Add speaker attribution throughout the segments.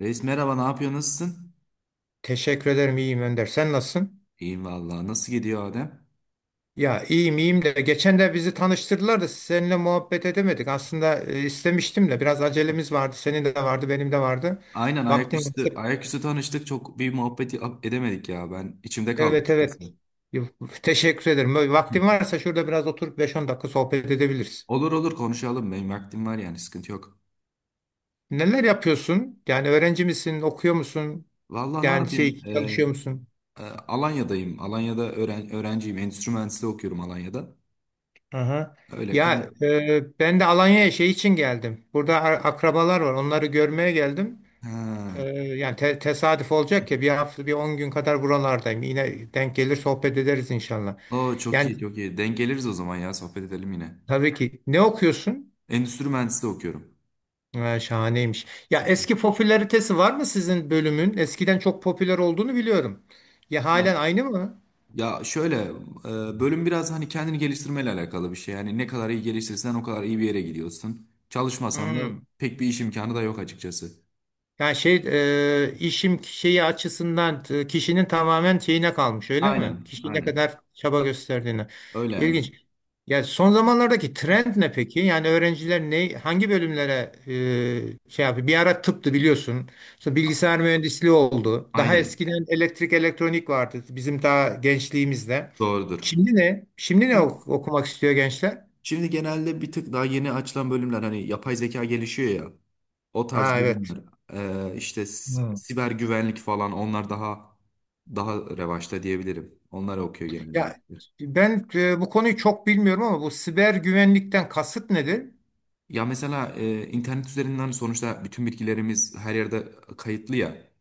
Speaker 1: Reis merhaba, ne yapıyor, nasılsın?
Speaker 2: Teşekkür ederim, iyiyim Önder. Sen nasılsın?
Speaker 1: İyiyim vallahi. Nasıl gidiyor Adem?
Speaker 2: Ya, iyiyim iyiyim de geçen de bizi tanıştırdılar da seninle muhabbet edemedik. Aslında istemiştim de biraz acelemiz vardı. Senin de vardı, benim de vardı.
Speaker 1: Aynen
Speaker 2: Vaktim varsa.
Speaker 1: ayaküstü tanıştık. Çok bir muhabbeti edemedik ya. Ben içimde kaldı
Speaker 2: Evet
Speaker 1: açıkçası.
Speaker 2: evet. Teşekkür ederim. Böyle, vaktin varsa şurada biraz oturup beş on dakika sohbet edebiliriz.
Speaker 1: Olur olur konuşalım. Benim vaktim var yani sıkıntı yok.
Speaker 2: Neler yapıyorsun? Yani öğrenci misin, okuyor musun?
Speaker 1: Vallahi ne
Speaker 2: Yani
Speaker 1: yapayım?
Speaker 2: şey, çalışıyor musun?
Speaker 1: Alanya'dayım. Alanya'da öğrenciyim. Endüstri mühendisliği okuyorum Alanya'da.
Speaker 2: Aha.
Speaker 1: Öyle kay...
Speaker 2: Ya, ben de Alanya'ya şey için geldim. Burada akrabalar var. Onları görmeye geldim.
Speaker 1: Ha.
Speaker 2: Yani tesadüf olacak ki bir hafta bir 10 gün kadar buralardayım. Yine denk gelir sohbet ederiz inşallah.
Speaker 1: Oo, çok
Speaker 2: Yani
Speaker 1: iyi çok iyi. Denk geliriz o zaman ya. Sohbet edelim yine.
Speaker 2: tabii ki, ne okuyorsun?
Speaker 1: Endüstri mühendisliği okuyorum.
Speaker 2: Ha, şahaneymiş. Ya,
Speaker 1: Çok iyi.
Speaker 2: eski popülaritesi var mı sizin bölümün? Eskiden çok popüler olduğunu biliyorum. Ya, halen aynı mı?
Speaker 1: Ya şöyle bölüm biraz hani kendini geliştirmeyle alakalı bir şey. Yani ne kadar iyi geliştirirsen o kadar iyi bir yere gidiyorsun. Çalışmasan da
Speaker 2: Hmm.
Speaker 1: pek bir iş imkanı da yok açıkçası.
Speaker 2: Yani şey, işim şeyi açısından kişinin tamamen şeyine kalmış öyle mi?
Speaker 1: Aynen,
Speaker 2: Kişi ne
Speaker 1: aynen.
Speaker 2: kadar çaba gösterdiğine.
Speaker 1: Öyle yani.
Speaker 2: İlginç. Ya, son zamanlardaki trend ne peki? Yani öğrenciler ne, hangi bölümlere şey yapıyor? Bir ara tıptı biliyorsun. Sonra bilgisayar mühendisliği oldu. Daha
Speaker 1: Aynen.
Speaker 2: eskiden elektrik elektronik vardı bizim daha gençliğimizde.
Speaker 1: Doğrudur.
Speaker 2: Şimdi ne? Şimdi ne
Speaker 1: Şimdi,
Speaker 2: okumak istiyor gençler?
Speaker 1: şimdi genelde bir tık daha yeni açılan bölümler hani yapay zeka gelişiyor ya. O tarz
Speaker 2: Ha, evet.
Speaker 1: bölümler. İşte
Speaker 2: Hmm.
Speaker 1: siber güvenlik falan onlar daha revaçta diyebilirim. Onlar okuyor genelde.
Speaker 2: Ya, ben bu konuyu çok bilmiyorum ama bu siber güvenlikten kasıt nedir?
Speaker 1: Ya mesela internet üzerinden sonuçta bütün bilgilerimiz her yerde kayıtlı ya.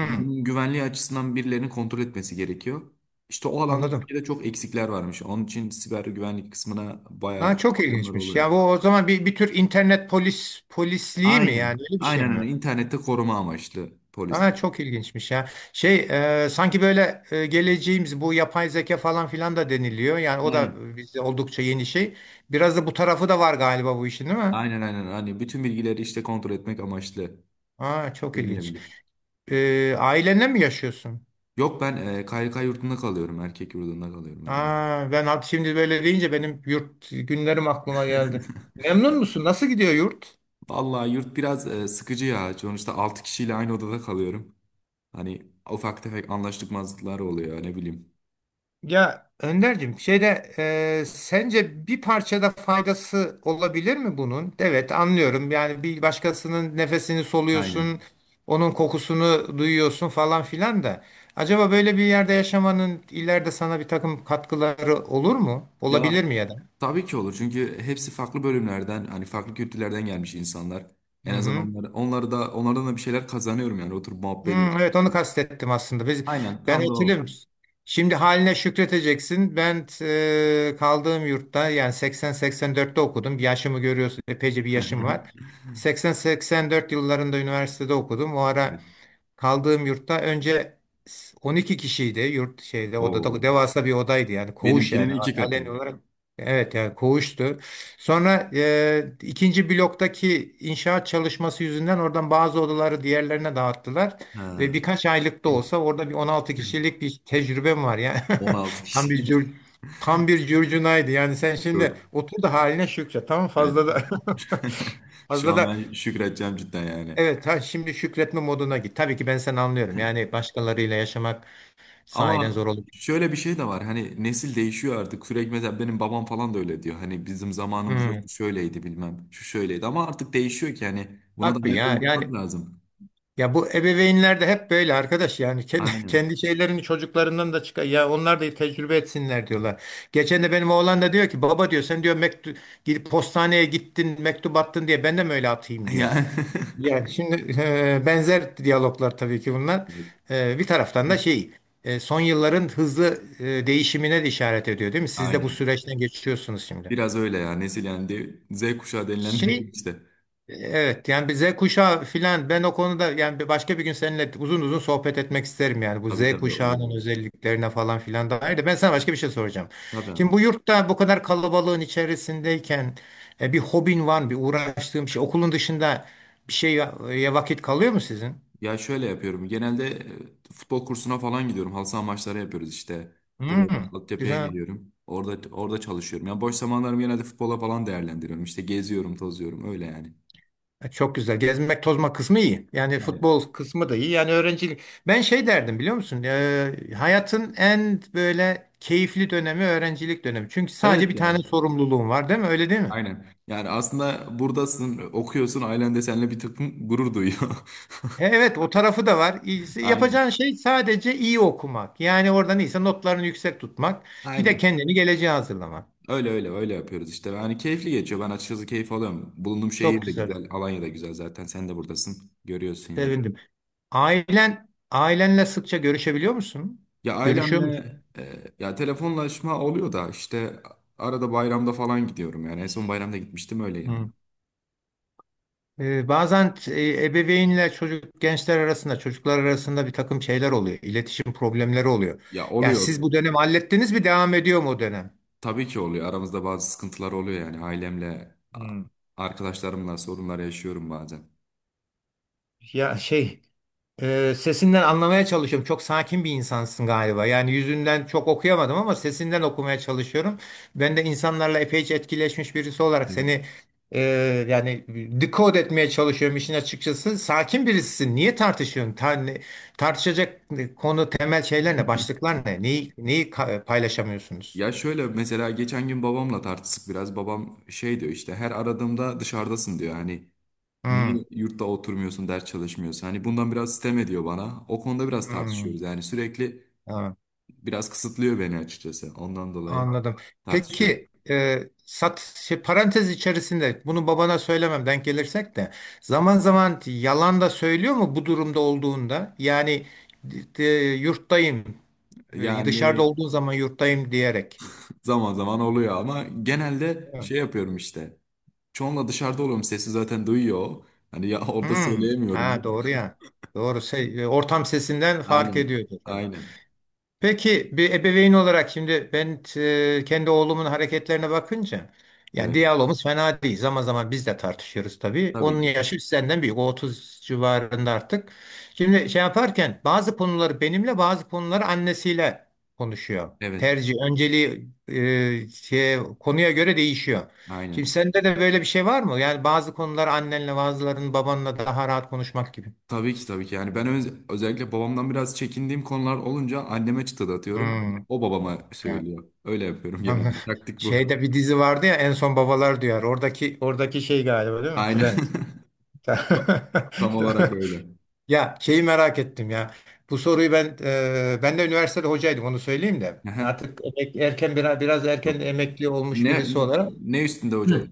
Speaker 1: Hani bunun güvenliği açısından birilerinin kontrol etmesi gerekiyor. İşte o alanda
Speaker 2: anladım.
Speaker 1: Türkiye'de çok eksikler varmış. Onun için siber güvenlik kısmına bayağı
Speaker 2: Ha, çok
Speaker 1: problemler
Speaker 2: ilginçmiş. Ya,
Speaker 1: oluyor.
Speaker 2: bu o zaman bir tür internet polisliği mi,
Speaker 1: Aynen.
Speaker 2: yani öyle bir şey
Speaker 1: Aynen öyle.
Speaker 2: mi?
Speaker 1: İnternette koruma amaçlı
Speaker 2: Ha,
Speaker 1: polislik.
Speaker 2: çok ilginçmiş ya. Şey, sanki böyle geleceğimiz bu yapay zeka falan filan da deniliyor. Yani o da
Speaker 1: Aynen.
Speaker 2: bizde oldukça yeni şey. Biraz da bu tarafı da var galiba bu işin, değil mi?
Speaker 1: Aynen aynen. Hani bütün bilgileri işte kontrol etmek amaçlı
Speaker 2: Ha, çok ilginç.
Speaker 1: denilebilir.
Speaker 2: Ailenle mi yaşıyorsun?
Speaker 1: Yok ben KYK yurdunda kalıyorum. Erkek yurdunda kalıyorum öğrenci.
Speaker 2: Ha, ben şimdi böyle deyince benim yurt günlerim aklıma geldi. Memnun musun? Nasıl gidiyor yurt?
Speaker 1: Vallahi yurt biraz sıkıcı ya. Sonuçta 6 kişiyle aynı odada kalıyorum. Hani ufak tefek anlaşmazlıklar oluyor ne bileyim.
Speaker 2: Ya Önder'cim, şeyde sence bir parçada faydası olabilir mi bunun? Evet, anlıyorum, yani bir başkasının nefesini
Speaker 1: Aynen.
Speaker 2: soluyorsun, onun kokusunu duyuyorsun falan filan da. Acaba böyle bir yerde yaşamanın ileride sana bir takım katkıları olur mu?
Speaker 1: Ya
Speaker 2: Olabilir mi ya da?
Speaker 1: tabii ki olur çünkü hepsi farklı bölümlerden hani farklı kültürlerden gelmiş insanlar.
Speaker 2: Hı
Speaker 1: En azından
Speaker 2: hı.
Speaker 1: onları da onlardan da bir şeyler kazanıyorum yani oturup muhabbet ediyorum.
Speaker 2: Hmm, evet, onu kastettim aslında.
Speaker 1: Aynen
Speaker 2: Ben
Speaker 1: tam da
Speaker 2: hatırlıyorum.
Speaker 1: o.
Speaker 2: Şimdi haline şükredeceksin. Ben kaldığım yurtta yani 80-84'te okudum. Yaşımı görüyorsun. Epeyce bir yaşım var. 80-84 yıllarında üniversitede okudum. O
Speaker 1: Evet.
Speaker 2: ara kaldığım yurtta önce 12 kişiydi. Yurt şeyde, odada
Speaker 1: Oo.
Speaker 2: devasa bir odaydı, yani koğuş,
Speaker 1: Benimkinin
Speaker 2: yani
Speaker 1: iki
Speaker 2: halen
Speaker 1: katı.
Speaker 2: olarak evet, yani koğuştu. Sonra ikinci bloktaki inşaat çalışması yüzünden oradan bazı odaları diğerlerine dağıttılar ve
Speaker 1: Ha.
Speaker 2: birkaç aylık da olsa orada bir 16 kişilik bir tecrübem var yani.
Speaker 1: 16
Speaker 2: tam bir
Speaker 1: kişi.
Speaker 2: cür, tam bir curcunaydı, yani sen şimdi
Speaker 1: Yok.
Speaker 2: otur da haline şükret, tamam,
Speaker 1: Yani
Speaker 2: fazla da.
Speaker 1: şu
Speaker 2: Fazla
Speaker 1: an
Speaker 2: da
Speaker 1: ben şükredeceğim cidden yani.
Speaker 2: evet. Ha, şimdi şükretme moduna git. Tabii ki ben seni anlıyorum. Yani başkalarıyla yaşamak sahiden
Speaker 1: Ama
Speaker 2: zor olabilir.
Speaker 1: şöyle bir şey de var. Hani nesil değişiyor artık. Sürekli mesela benim babam falan da öyle diyor. Hani bizim zamanımızda şu
Speaker 2: Hmm,
Speaker 1: şöyleydi bilmem. Şu şöyleydi. Ama artık değişiyor ki hani buna da
Speaker 2: tabii
Speaker 1: ayak
Speaker 2: ya.
Speaker 1: uydurmak
Speaker 2: Yani
Speaker 1: lazım.
Speaker 2: ya bu ebeveynler de hep böyle arkadaş. Yani kendi,
Speaker 1: Aynen.
Speaker 2: kendi şeylerini çocuklarından da çıkar, ya onlar da tecrübe etsinler diyorlar. Geçen de benim oğlan da diyor ki, baba diyor, sen diyor mektup gidip postaneye gittin mektup attın diye, ben de mi öyle atayım diyor.
Speaker 1: Yani
Speaker 2: Ya şimdi benzer diyaloglar tabii ki bunlar. Bir taraftan da şey, son yılların hızlı değişimine de işaret ediyor, değil mi? Siz de bu
Speaker 1: aynen.
Speaker 2: süreçten geçiyorsunuz şimdi.
Speaker 1: Biraz öyle ya. Nesil yani Z kuşağı denilen nesil
Speaker 2: Şey,
Speaker 1: işte.
Speaker 2: evet, yani bir Z kuşağı filan, ben o konuda yani bir başka bir gün seninle uzun uzun sohbet etmek isterim, yani bu Z
Speaker 1: Tabii tabii olur
Speaker 2: kuşağının
Speaker 1: abi.
Speaker 2: özelliklerine falan filan dair de ben sana başka bir şey soracağım.
Speaker 1: Tabii abi.
Speaker 2: Şimdi bu yurtta bu kadar kalabalığın içerisindeyken bir hobin var mı? Bir uğraştığım şey, okulun dışında bir şeye vakit kalıyor mu sizin?
Speaker 1: Ya şöyle yapıyorum. Genelde futbol kursuna falan gidiyorum. Halı saha maçları yapıyoruz işte. Burada bir
Speaker 2: Hmm,
Speaker 1: altyapıya
Speaker 2: güzel.
Speaker 1: gidiyorum. Orada çalışıyorum. Yani boş zamanlarımı genelde futbola falan değerlendiriyorum. İşte geziyorum, tozuyorum öyle yani.
Speaker 2: Çok güzel. Gezmek tozma kısmı iyi. Yani
Speaker 1: Aynen.
Speaker 2: futbol kısmı da iyi. Yani öğrencilik. Ben şey derdim, biliyor musun? Hayatın en böyle keyifli dönemi öğrencilik dönemi. Çünkü sadece
Speaker 1: Evet
Speaker 2: bir tane
Speaker 1: ya.
Speaker 2: sorumluluğun var, değil mi? Öyle değil mi?
Speaker 1: Aynen. Yani aslında buradasın, okuyorsun, ailen de seninle bir takım gurur duyuyor.
Speaker 2: Evet, o tarafı da var.
Speaker 1: Aynen.
Speaker 2: Yapacağın şey sadece iyi okumak. Yani oradan iyiyse notlarını yüksek tutmak. Bir de
Speaker 1: Aynen.
Speaker 2: kendini geleceğe hazırlamak.
Speaker 1: Öyle öyle öyle yapıyoruz işte. Yani keyifli geçiyor. Ben açıkçası keyif alıyorum. Bulunduğum
Speaker 2: Çok
Speaker 1: şehir de
Speaker 2: güzel.
Speaker 1: güzel, Alanya da güzel zaten. Sen de buradasın. Görüyorsun yani.
Speaker 2: Sevindim. Ailen, ailenle sıkça görüşebiliyor musun?
Speaker 1: Ya
Speaker 2: Görüşüyor
Speaker 1: ailemle
Speaker 2: musun?
Speaker 1: ya telefonlaşma oluyor da işte arada bayramda falan gidiyorum yani en son bayramda gitmiştim öyle yani.
Speaker 2: Hmm. Bazen ebeveynle çocuk, gençler arasında, çocuklar arasında bir takım şeyler oluyor. İletişim problemleri oluyor.
Speaker 1: Ya
Speaker 2: Yani siz
Speaker 1: oluyor
Speaker 2: bu dönem hallettiniz mi, devam ediyor mu o dönem?
Speaker 1: tabii ki oluyor aramızda bazı sıkıntılar oluyor yani ailemle
Speaker 2: Hmm.
Speaker 1: arkadaşlarımla sorunlar yaşıyorum bazen.
Speaker 2: Ya şey, sesinden anlamaya çalışıyorum. Çok sakin bir insansın galiba. Yani yüzünden çok okuyamadım ama sesinden okumaya çalışıyorum. Ben de insanlarla epeyce etkileşmiş birisi olarak
Speaker 1: Evet.
Speaker 2: seni e, yani decode etmeye çalışıyorum işin açıkçası. Sakin birisisin. Niye tartışıyorsun? Tartışacak konu, temel şeyler ne? Başlıklar ne? Neyi, neyi paylaşamıyorsunuz?
Speaker 1: Ya şöyle mesela geçen gün babamla tartıştık biraz, babam şey diyor işte her aradığımda dışarıdasın diyor, hani
Speaker 2: Hmm,
Speaker 1: niye yurtta oturmuyorsun ders çalışmıyorsun, hani bundan biraz sitem ediyor bana, o konuda biraz
Speaker 2: hmm,
Speaker 1: tartışıyoruz yani sürekli
Speaker 2: tamam.
Speaker 1: biraz kısıtlıyor beni açıkçası. Ondan dolayı
Speaker 2: Anladım.
Speaker 1: tartışıyorum.
Speaker 2: Peki e, sat şey, parantez içerisinde bunu babana söylemem denk gelirsek de zaman zaman yalan da söylüyor mu bu durumda olduğunda? Yani d- yurttayım, dışarıda
Speaker 1: Yani
Speaker 2: olduğun zaman yurttayım diyerek.
Speaker 1: zaman zaman oluyor ama genelde
Speaker 2: Evet.
Speaker 1: şey yapıyorum işte. Çoğunla dışarıda oluyorum. Sesi zaten duyuyor o. Hani ya orada
Speaker 2: Hmm.
Speaker 1: söyleyemiyorum.
Speaker 2: Ha,
Speaker 1: Değil
Speaker 2: doğru
Speaker 1: mi?
Speaker 2: ya. Doğru. Ortam sesinden fark
Speaker 1: Aynen.
Speaker 2: ediyordu.
Speaker 1: Aynen.
Speaker 2: Peki bir ebeveyn olarak şimdi ben kendi oğlumun hareketlerine bakınca, yani
Speaker 1: Evet.
Speaker 2: diyalogumuz fena değil. Zaman zaman biz de tartışıyoruz tabii.
Speaker 1: Tabii
Speaker 2: Onun
Speaker 1: ki.
Speaker 2: yaşı senden büyük. O 30 civarında artık. Şimdi şey yaparken bazı konuları benimle, bazı konuları annesiyle konuşuyor.
Speaker 1: Evet.
Speaker 2: Tercih, önceliği konuya göre değişiyor. Şimdi
Speaker 1: Aynen.
Speaker 2: sende de böyle bir şey var mı? Yani bazı konuları annenle, bazılarının babanla daha rahat konuşmak gibi.
Speaker 1: Tabii ki tabii ki. Yani ben özellikle babamdan biraz çekindiğim konular olunca anneme çıtı da atıyorum.
Speaker 2: Hmm.
Speaker 1: O babama söylüyor. Öyle yapıyorum
Speaker 2: Anladım.
Speaker 1: genelde. Taktik bu.
Speaker 2: Şeyde bir dizi vardı ya en son, babalar duyar. Oradaki şey galiba, değil mi?
Speaker 1: Aynen.
Speaker 2: Trend.
Speaker 1: Tam olarak öyle.
Speaker 2: Ya şeyi merak ettim ya. Bu soruyu ben e, ben de üniversitede hocaydım, onu söyleyeyim de.
Speaker 1: Aha.
Speaker 2: Artık erken, biraz erken
Speaker 1: Yok.
Speaker 2: emekli olmuş
Speaker 1: Ne
Speaker 2: birisi olarak.
Speaker 1: ne üstünde hocalık?
Speaker 2: Hı.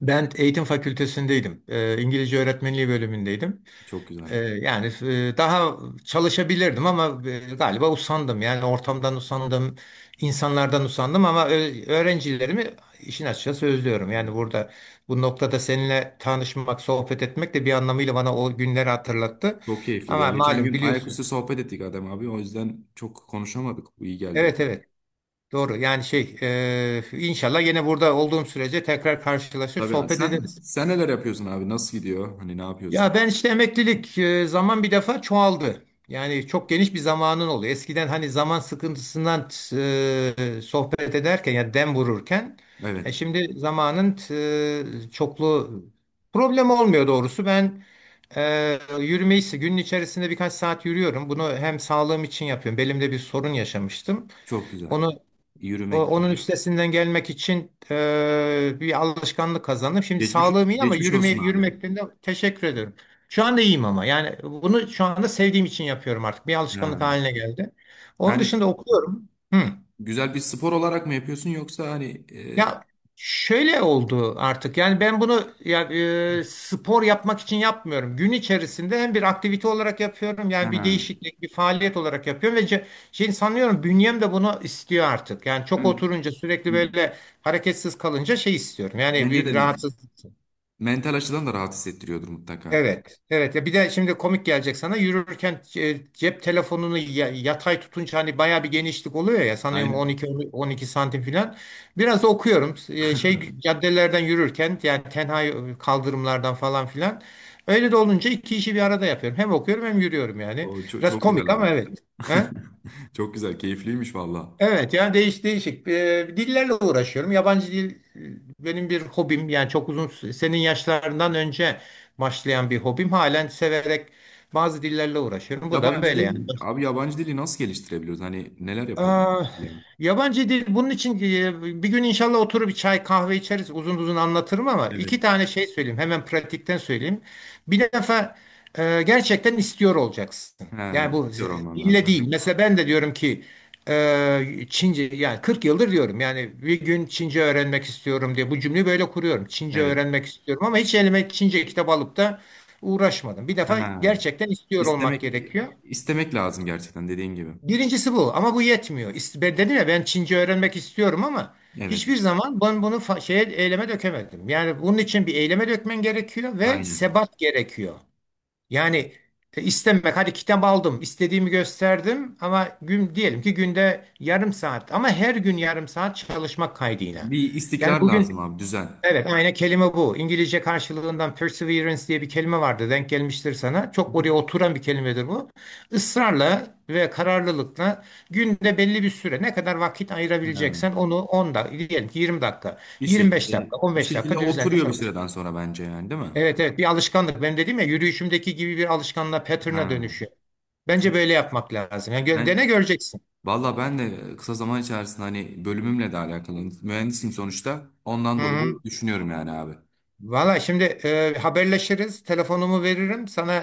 Speaker 2: Ben eğitim fakültesindeydim. İngilizce öğretmenliği bölümündeydim.
Speaker 1: Çok güzel.
Speaker 2: Yani daha çalışabilirdim ama galiba usandım. Yani ortamdan usandım, insanlardan usandım ama öğrencilerimi işin açıkçası özlüyorum. Yani
Speaker 1: Hmm.
Speaker 2: burada bu noktada seninle tanışmak, sohbet etmek de bir anlamıyla bana o günleri hatırlattı.
Speaker 1: Çok keyifliydi ya.
Speaker 2: Ama
Speaker 1: Geçen
Speaker 2: malum
Speaker 1: gün ayaküstü
Speaker 2: biliyorsun.
Speaker 1: sohbet ettik Adem abi. O yüzden çok konuşamadık. Bu iyi geldi
Speaker 2: Evet
Speaker 1: bana.
Speaker 2: evet, doğru. Yani şey inşallah yine burada olduğum sürece tekrar karşılaşıp
Speaker 1: Tabii abi.
Speaker 2: sohbet
Speaker 1: Sen
Speaker 2: ederiz.
Speaker 1: sen neler yapıyorsun abi? Nasıl gidiyor? Hani ne
Speaker 2: Ya
Speaker 1: yapıyorsun?
Speaker 2: ben işte emeklilik zaman bir defa çoğaldı. Yani çok geniş bir zamanın oluyor. Eskiden hani zaman sıkıntısından sohbet ederken ya dem vururken
Speaker 1: Evet.
Speaker 2: şimdi zamanın çoklu problem olmuyor doğrusu. Ben yürümeyi, günün içerisinde birkaç saat yürüyorum. Bunu hem sağlığım için yapıyorum. Belimde bir sorun yaşamıştım.
Speaker 1: Çok güzel.
Speaker 2: Onu
Speaker 1: Yürümek.
Speaker 2: Onun üstesinden gelmek için bir alışkanlık kazandım. Şimdi
Speaker 1: Geçmiş
Speaker 2: sağlığım iyi ama
Speaker 1: geçmiş olsun abi.
Speaker 2: yürümekten de teşekkür ediyorum. Şu anda iyiyim ama yani bunu şu anda sevdiğim için yapıyorum artık. Bir alışkanlık
Speaker 1: Ha.
Speaker 2: haline geldi. Onun dışında
Speaker 1: Yani
Speaker 2: okuyorum. Hı.
Speaker 1: güzel bir spor olarak mı yapıyorsun yoksa hani
Speaker 2: Ya şöyle oldu artık. Yani ben bunu ya, spor yapmak için yapmıyorum. Gün içerisinde hem bir aktivite olarak yapıyorum. Yani bir
Speaker 1: ha.
Speaker 2: değişiklik, bir faaliyet olarak yapıyorum ve şey, sanıyorum bünyem de bunu istiyor artık. Yani çok oturunca sürekli böyle hareketsiz kalınca şey istiyorum. Yani
Speaker 1: Bence
Speaker 2: bir
Speaker 1: de
Speaker 2: rahatsız.
Speaker 1: mental açıdan da rahat hissettiriyordur mutlaka.
Speaker 2: Evet, evet. Ya bir de şimdi komik gelecek sana. Yürürken cep telefonunu yatay tutunca hani bayağı bir genişlik oluyor ya. Sanıyorum
Speaker 1: Aynen.
Speaker 2: 12 12 santim falan. Biraz da okuyorum. Şey caddelerden yürürken yani tenha kaldırımlardan falan filan. Öyle de olunca iki işi bir arada yapıyorum. Hem okuyorum hem yürüyorum yani.
Speaker 1: O çok,
Speaker 2: Biraz
Speaker 1: çok güzel
Speaker 2: komik ama
Speaker 1: abi.
Speaker 2: evet. He?
Speaker 1: Çok güzel, keyifliymiş valla.
Speaker 2: Evet, yani değişik dillerle uğraşıyorum. Yabancı dil benim bir hobim, yani çok uzun, senin yaşlarından önce başlayan bir hobim. Halen severek bazı dillerle uğraşıyorum. Bu da
Speaker 1: Yabancı
Speaker 2: böyle yani.
Speaker 1: dil, abi yabancı dili nasıl geliştirebiliyoruz? Hani neler yapabiliriz?
Speaker 2: Aa,
Speaker 1: Ya?
Speaker 2: yabancı dil bunun için bir gün inşallah oturup bir çay kahve içeriz, uzun uzun anlatırım ama
Speaker 1: Evet.
Speaker 2: iki tane şey söyleyeyim hemen, pratikten söyleyeyim. Bir defa gerçekten istiyor olacaksın.
Speaker 1: Ha,
Speaker 2: Yani bu
Speaker 1: istiyor olman
Speaker 2: dille değil.
Speaker 1: lazım.
Speaker 2: Mesela ben de diyorum ki Çince, yani 40 yıldır diyorum, yani bir gün Çince öğrenmek istiyorum diye bu cümleyi böyle kuruyorum. Çince
Speaker 1: Evet.
Speaker 2: öğrenmek istiyorum ama hiç elime Çince kitap alıp da uğraşmadım. Bir defa
Speaker 1: Ha.
Speaker 2: gerçekten istiyor olmak
Speaker 1: İstemek,
Speaker 2: gerekiyor.
Speaker 1: istemek lazım gerçekten dediğin gibi.
Speaker 2: Birincisi bu ama bu yetmiyor. Ben dedim ya, ben Çince öğrenmek istiyorum ama
Speaker 1: Evet.
Speaker 2: hiçbir zaman ben bunu fa- şeye eyleme dökemedim. Yani bunun için bir eyleme dökmen gerekiyor ve
Speaker 1: Aynen.
Speaker 2: sebat gerekiyor. Yani istemek, hadi kitap aldım, istediğimi gösterdim ama gün, diyelim ki günde yarım saat, ama her gün yarım saat çalışmak kaydıyla.
Speaker 1: Bir
Speaker 2: Yani
Speaker 1: istikrar lazım
Speaker 2: bugün
Speaker 1: abi, düzen.
Speaker 2: evet, aynı kelime bu. İngilizce karşılığından perseverance diye bir kelime vardı. Denk gelmiştir sana. Çok oraya oturan bir kelimedir bu. Israrla ve kararlılıkla günde belli bir süre ne kadar vakit
Speaker 1: Ha.
Speaker 2: ayırabileceksen, onu 10 dakika, diyelim ki 20 dakika,
Speaker 1: Bir
Speaker 2: 25
Speaker 1: şekilde
Speaker 2: dakika, on
Speaker 1: bir
Speaker 2: beş
Speaker 1: şekilde
Speaker 2: dakika düzenli
Speaker 1: oturuyor bir
Speaker 2: çalış.
Speaker 1: süreden sonra bence yani, değil mi?
Speaker 2: Evet evet, bir alışkanlık. Benim dedim ya, yürüyüşümdeki gibi bir alışkanlığa, pattern'a
Speaker 1: Ha.
Speaker 2: dönüşüyor.
Speaker 1: Çok
Speaker 2: Bence böyle yapmak lazım. Yani dene
Speaker 1: ben
Speaker 2: göreceksin.
Speaker 1: Valla ben de kısa zaman içerisinde hani bölümümle de alakalı mühendisim sonuçta.
Speaker 2: Hı
Speaker 1: Ondan dolayı
Speaker 2: hı.
Speaker 1: düşünüyorum yani abi.
Speaker 2: Valla şimdi haberleşiriz. Telefonumu veririm. Sana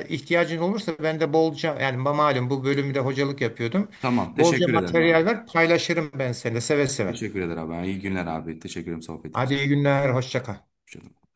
Speaker 2: ihtiyacın olursa, ben de bolca, yani malum bu bölümde hocalık yapıyordum,
Speaker 1: Tamam
Speaker 2: bolca
Speaker 1: teşekkür ederim abi.
Speaker 2: materyal ver paylaşırım ben seninle seve seve.
Speaker 1: Teşekkür ederim abi. İyi günler abi. Teşekkür ederim sohbet
Speaker 2: Hadi
Speaker 1: için.
Speaker 2: iyi günler, hoşça kal.
Speaker 1: Hoşça kal.